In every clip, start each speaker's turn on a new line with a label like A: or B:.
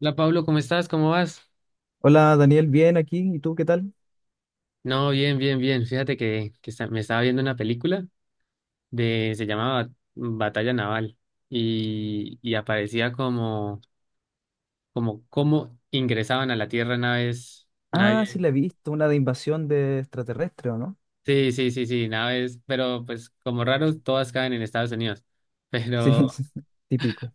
A: Hola Pablo, ¿cómo estás? ¿Cómo vas?
B: Hola Daniel, bien aquí. ¿Y tú qué tal?
A: No, bien, bien, bien. Fíjate que me estaba viendo una película de, se llamaba Batalla Naval y aparecía como, como cómo ingresaban a la Tierra
B: Ah, sí,
A: naves,
B: la he visto, una de invasión de extraterrestre, ¿o no?
A: sí, sí, sí, sí, naves, pero pues como raros todas caen en Estados Unidos,
B: Sí,
A: pero,
B: sí, típico.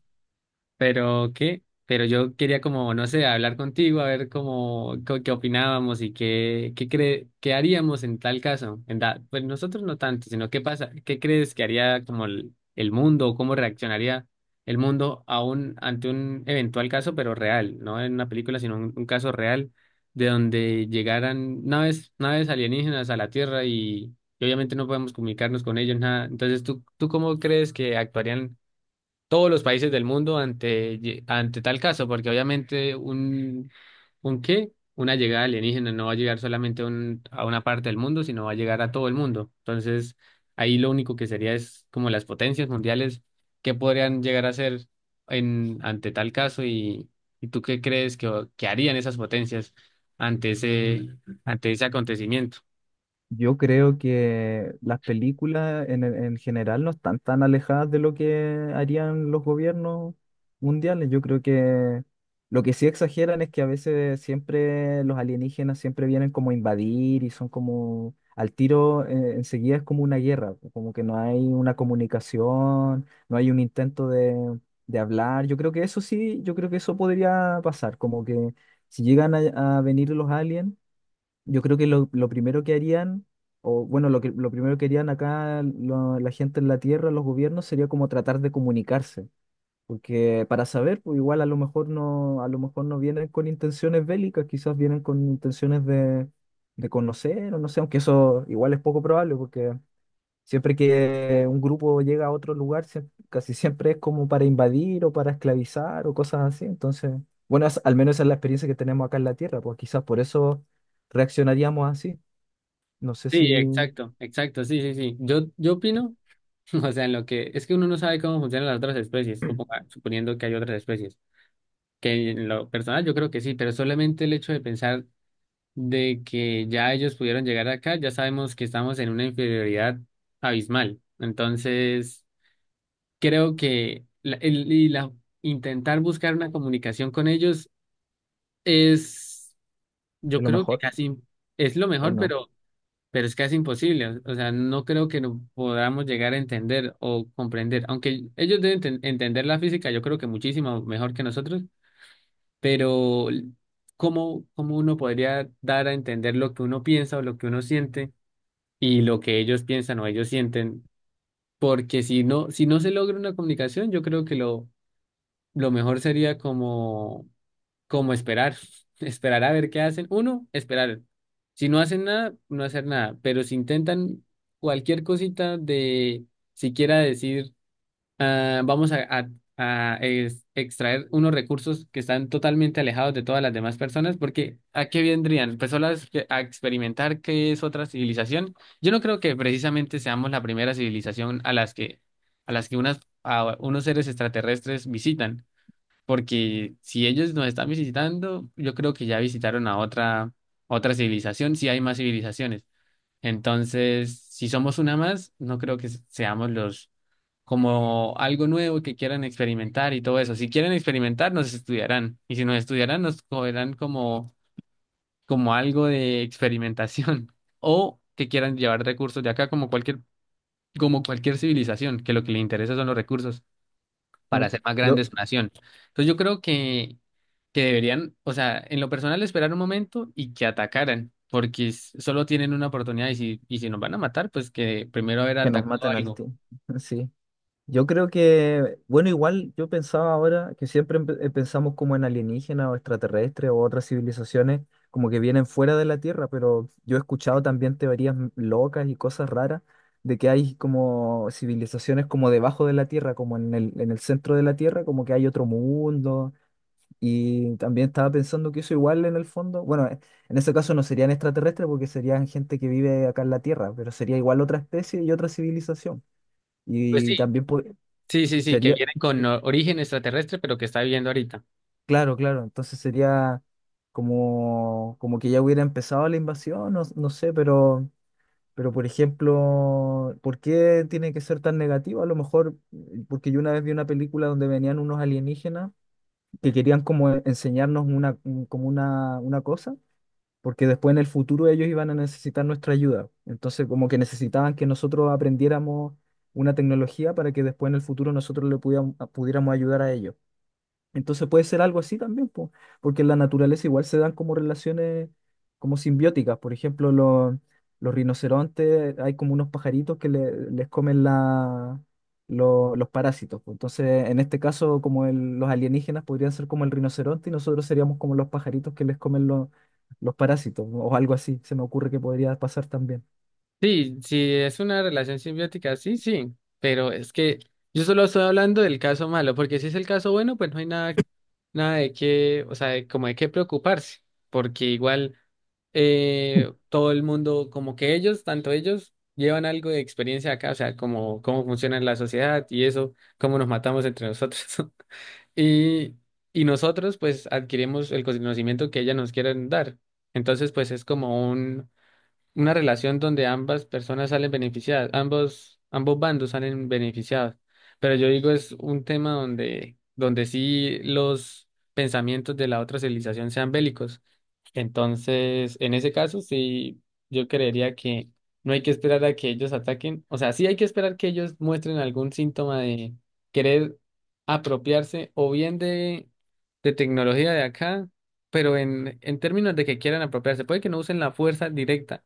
A: Pero qué, pero yo quería como, no sé, hablar contigo, a ver cómo, qué opinábamos y qué, qué haríamos en tal caso. Pues nosotros no tanto, sino qué pasa, qué crees que haría como el mundo o cómo reaccionaría el mundo a un ante un eventual caso, pero real, no en una película, sino un caso real de donde llegaran naves alienígenas a la Tierra y obviamente no podemos comunicarnos con ellos, nada. Entonces, tú cómo crees que actuarían todos los países del mundo ante, ante tal caso? Porque obviamente un qué, una llegada alienígena no va a llegar solamente a a una parte del mundo, sino va a llegar a todo el mundo. Entonces, ahí lo único que sería es como las potencias mundiales, qué podrían llegar a hacer en, ante tal caso y tú qué crees que harían esas potencias ante ese, ante ese acontecimiento.
B: Yo creo que las películas en general no están tan alejadas de lo que harían los gobiernos mundiales. Yo creo que lo que sí exageran es que a veces siempre los alienígenas siempre vienen como a invadir y son como al tiro, enseguida es como una guerra, como que no hay una comunicación, no hay un intento de hablar. Yo creo que eso sí, yo creo que eso podría pasar, como que si llegan a venir los aliens. Yo creo que lo primero que harían, o bueno, lo que lo primero que harían acá la gente en la Tierra, los gobiernos, sería como tratar de comunicarse. Porque para saber, pues igual a lo mejor no, a lo mejor no vienen con intenciones bélicas, quizás vienen con intenciones de conocer, o no sé, aunque eso igual es poco probable, porque siempre que un grupo llega a otro lugar, casi siempre es como para invadir o para esclavizar o cosas así. Entonces, bueno, al menos esa es la experiencia que tenemos acá en la Tierra, pues quizás por eso reaccionaríamos así. No sé si
A: Sí,
B: es
A: exacto, exacto, sí, sí, sí. Yo opino. O sea, en lo que es que uno no sabe cómo funcionan las otras especies, suponiendo que hay otras especies, que en lo personal yo creo que sí, pero solamente el hecho de pensar de que ya ellos pudieron llegar acá, ya sabemos que estamos en una inferioridad abismal. Entonces, creo que intentar buscar una comunicación con ellos es, yo
B: lo
A: creo que
B: mejor
A: casi es lo
B: o
A: mejor,
B: no.
A: pero es casi imposible. O sea, no creo que no podamos llegar a entender o comprender, aunque ellos deben entender la física, yo creo que muchísimo mejor que nosotros, pero ¿cómo, cómo uno podría dar a entender lo que uno piensa o lo que uno siente y lo que ellos piensan o ellos sienten? Porque si no, si no se logra una comunicación, yo creo que lo mejor sería como como esperar, esperar a ver qué hacen. Uno, esperar. Si no hacen nada, no hacer nada. Pero si intentan cualquier cosita de siquiera decir, ah, vamos a extraer unos recursos que están totalmente alejados de todas las demás personas, porque ¿a qué vendrían? Personas a a experimentar qué es otra civilización. Yo no creo que precisamente seamos la primera civilización a las que, a las que a unos seres extraterrestres visitan, porque si ellos nos están visitando, yo creo que ya visitaron a otra, otra civilización, si hay más civilizaciones. Entonces, si somos una más, no creo que seamos los como algo nuevo que quieran experimentar y todo eso. Si quieren experimentar, nos estudiarán. Y si nos estudiarán, nos cogerán como, como algo de experimentación. O que quieran llevar recursos de acá como cualquier civilización, que lo que le interesa son los recursos para
B: Sí.
A: hacer más grande
B: Yo,
A: su nación. Entonces yo creo que deberían, o sea, en lo personal esperar un momento y que atacaran, porque solo tienen una oportunidad y si nos van a matar, pues que primero haber
B: que nos
A: atacado
B: matan al
A: algo.
B: ti sí. Yo creo que, bueno, igual yo pensaba ahora que siempre pensamos como en alienígenas o extraterrestres o otras civilizaciones como que vienen fuera de la Tierra, pero yo he escuchado también teorías locas y cosas raras de que hay como civilizaciones como debajo de la Tierra, como en en el centro de la Tierra, como que hay otro mundo. Y también estaba pensando que eso igual en el fondo, bueno, en ese caso no serían extraterrestres porque serían gente que vive acá en la Tierra, pero sería igual otra especie y otra civilización.
A: Pues
B: Y
A: sí,
B: también po-
A: sí, sí, sí, que
B: Sería,
A: vienen con
B: eh,
A: origen extraterrestre, pero que está viviendo ahorita.
B: claro, claro, entonces sería como, como que ya hubiera empezado la invasión, no, no sé, pero por ejemplo, ¿por qué tiene que ser tan negativo? A lo mejor, porque yo una vez vi una película donde venían unos alienígenas que querían como enseñarnos una, como una cosa, porque después en el futuro ellos iban a necesitar nuestra ayuda. Entonces como que necesitaban que nosotros aprendiéramos una tecnología para que después en el futuro nosotros le pudiéramos, pudiéramos ayudar a ellos. Entonces puede ser algo así también, po, porque en la naturaleza igual se dan como relaciones como simbióticas. Por ejemplo, los rinocerontes, hay como unos pajaritos que les comen la, los parásitos. Po. Entonces, en este caso, como los alienígenas podrían ser como el rinoceronte y nosotros seríamos como los pajaritos que les comen los parásitos, o algo así, se me ocurre que podría pasar también.
A: Sí, sí, es una relación simbiótica, sí, sí, pero es que yo solo estoy hablando del caso malo, porque si es el caso bueno, pues no hay nada, nada de qué, o sea, como de qué preocuparse, porque igual... Eh, todo el mundo, como que ellos, tanto ellos, llevan algo de experiencia acá, o sea, como cómo funciona la sociedad y eso, cómo nos matamos entre nosotros. Y, y nosotros, pues, adquirimos el conocimiento que ellas nos quieren dar. Entonces, pues, es como un una relación donde ambas personas salen beneficiadas, ambos, ambos bandos salen beneficiados. Pero yo digo, es un tema donde sí los pensamientos de la otra civilización sean bélicos. Entonces, en ese caso, sí, yo creería que no hay que esperar a que ellos ataquen. O sea, sí hay que esperar que ellos muestren algún síntoma de querer apropiarse o bien de tecnología de acá, pero en términos de que quieran apropiarse, puede que no usen la fuerza directa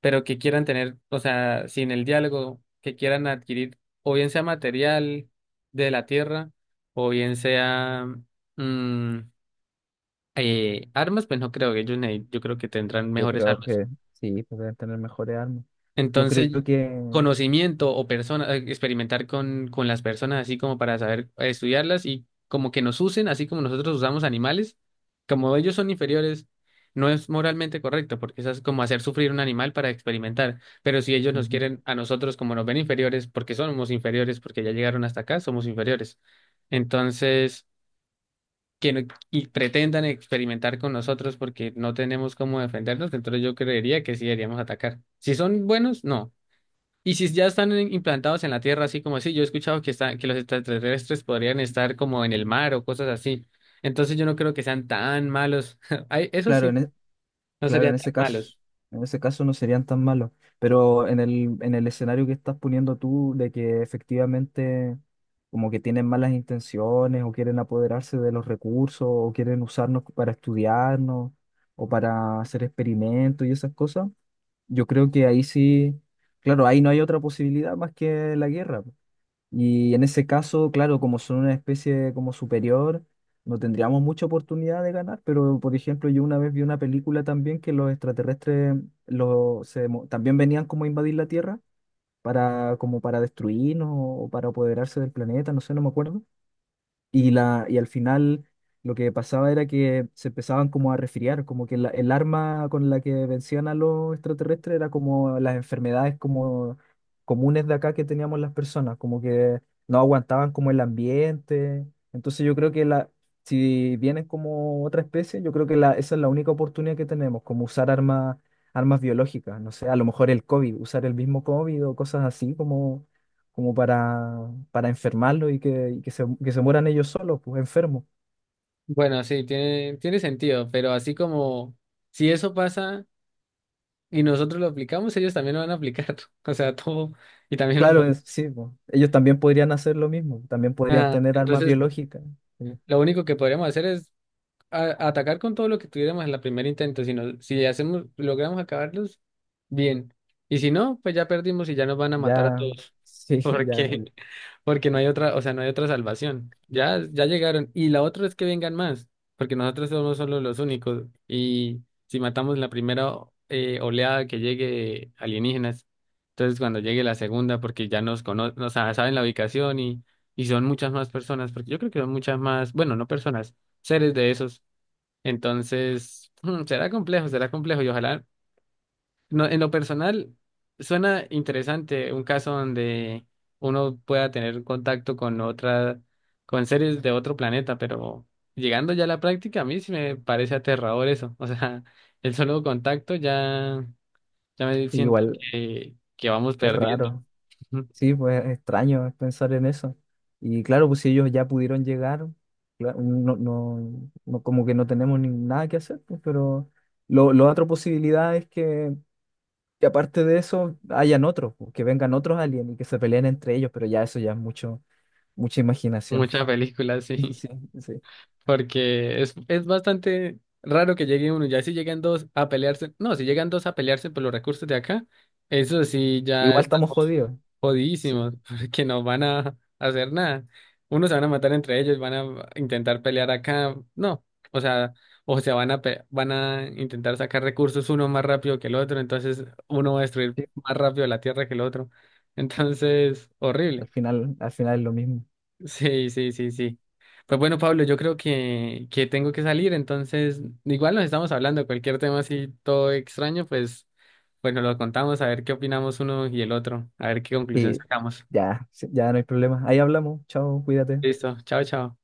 A: pero que quieran tener, o sea, sin el diálogo, que quieran adquirir, o bien sea material de la tierra, o bien sea mm, armas, pues no creo que ellos, yo creo que tendrán
B: Yo
A: mejores
B: creo
A: armas.
B: que sí, pues deben tener mejores armas. Yo creo
A: Entonces,
B: que,
A: conocimiento o persona, experimentar con las personas así como para saber estudiarlas y como que nos usen, así como nosotros usamos animales, como ellos son inferiores, no es moralmente correcto, porque eso es como hacer sufrir un animal para experimentar. Pero si ellos nos
B: ujú.
A: quieren a nosotros como nos ven inferiores, porque somos inferiores, porque ya llegaron hasta acá, somos inferiores. Entonces, que no- y pretendan experimentar con nosotros porque no tenemos cómo defendernos, entonces yo creería que sí deberíamos atacar. Si son buenos, no. Y si ya están implantados en la Tierra, así como así, yo he escuchado que, están, que los extraterrestres podrían estar como en el mar o cosas así. Entonces yo no creo que sean tan malos. Ay, eso
B: Claro,
A: sí,
B: en, e-
A: no
B: Claro,
A: serían tan malos.
B: en ese caso no serían tan malos, pero en en el escenario que estás poniendo tú de que efectivamente como que tienen malas intenciones o quieren apoderarse de los recursos o quieren usarnos para estudiarnos o para hacer experimentos y esas cosas, yo creo que ahí sí, claro, ahí no hay otra posibilidad más que la guerra. Y en ese caso, claro, como son una especie como superior, no tendríamos mucha oportunidad de ganar, pero por ejemplo, yo una vez vi una película también que los extraterrestres los, también venían como a invadir la Tierra para, como para destruirnos o para apoderarse del planeta, no sé, no me acuerdo. Y al final lo que pasaba era que se empezaban como a resfriar, como que el arma con la que vencían a los extraterrestres era como las enfermedades como comunes de acá que teníamos las personas, como que no aguantaban como el ambiente. Entonces yo creo que la, si vienen como otra especie, yo creo que la, esa es la única oportunidad que tenemos, como usar armas, armas biológicas, no sé, a lo mejor el COVID, usar el mismo COVID o cosas así como como para enfermarlo y que se mueran ellos solos, pues enfermos.
A: Bueno, sí, tiene, tiene sentido, pero así como si eso pasa y nosotros lo aplicamos, ellos también lo van a aplicar. O sea, todo. Y también los
B: Claro,
A: van
B: es- sí, pues, ellos también podrían hacer lo mismo, también podrían tener armas
A: entonces,
B: biológicas. Sí,
A: lo único que podríamos hacer es atacar con todo lo que tuviéramos en la primera intento, sino si hacemos, logramos acabarlos, bien. Y si no, pues ya perdimos y ya nos van a matar a
B: ya,
A: todos.
B: sí, ya,
A: Porque, porque no hay otra, o sea, no hay otra salvación. Ya, ya llegaron. Y la otra es que vengan más, porque nosotros somos solo los únicos. Y si matamos la primera oleada que llegue de alienígenas, entonces cuando llegue la segunda, porque ya nos conocen, o sea, saben la ubicación y son muchas más personas, porque yo creo que son muchas más, bueno, no personas, seres de esos. Entonces, será complejo y ojalá, no, en lo personal, suena interesante un caso donde uno pueda tener contacto con otra, con seres de otro planeta, pero llegando ya a la práctica, a mí sí me parece aterrador eso. O sea, el solo contacto ya, ya me siento
B: igual
A: que vamos
B: es
A: perdiendo.
B: raro, sí, pues es extraño pensar en eso. Y claro, pues si ellos ya pudieron llegar, claro, no, no, como que no tenemos ni nada que hacer, pues, pero lo, la otra posibilidad es que y aparte de eso, hayan otros, po, que vengan otros aliens y que se peleen entre ellos, pero ya eso ya es mucho, mucha imaginación.
A: Muchas películas, sí.
B: Sí, sí.
A: Porque es bastante raro que llegue uno. Ya si llegan dos a pelearse, no, si llegan dos a pelearse por los recursos de acá, eso sí ya
B: Igual estamos
A: estamos
B: jodidos. Sí,
A: jodidísimos, porque no van a hacer nada. Unos se van a matar entre ellos, van a intentar pelear acá, no, o sea, o se van a van a intentar sacar recursos uno más rápido que el otro, entonces uno va a destruir
B: sí.
A: más rápido la tierra que el otro. Entonces, horrible.
B: Al final es lo mismo.
A: Sí, sí, sí, sí. Pues bueno, Pablo, yo creo que tengo que salir, entonces igual nos estamos hablando, cualquier tema así todo extraño, pues, pues nos lo contamos, a ver qué opinamos uno y el otro, a ver qué conclusión
B: Sí,
A: sacamos.
B: ya, sí, ya no hay problema. Ahí hablamos. Chao, cuídate.
A: Listo, chao, chao.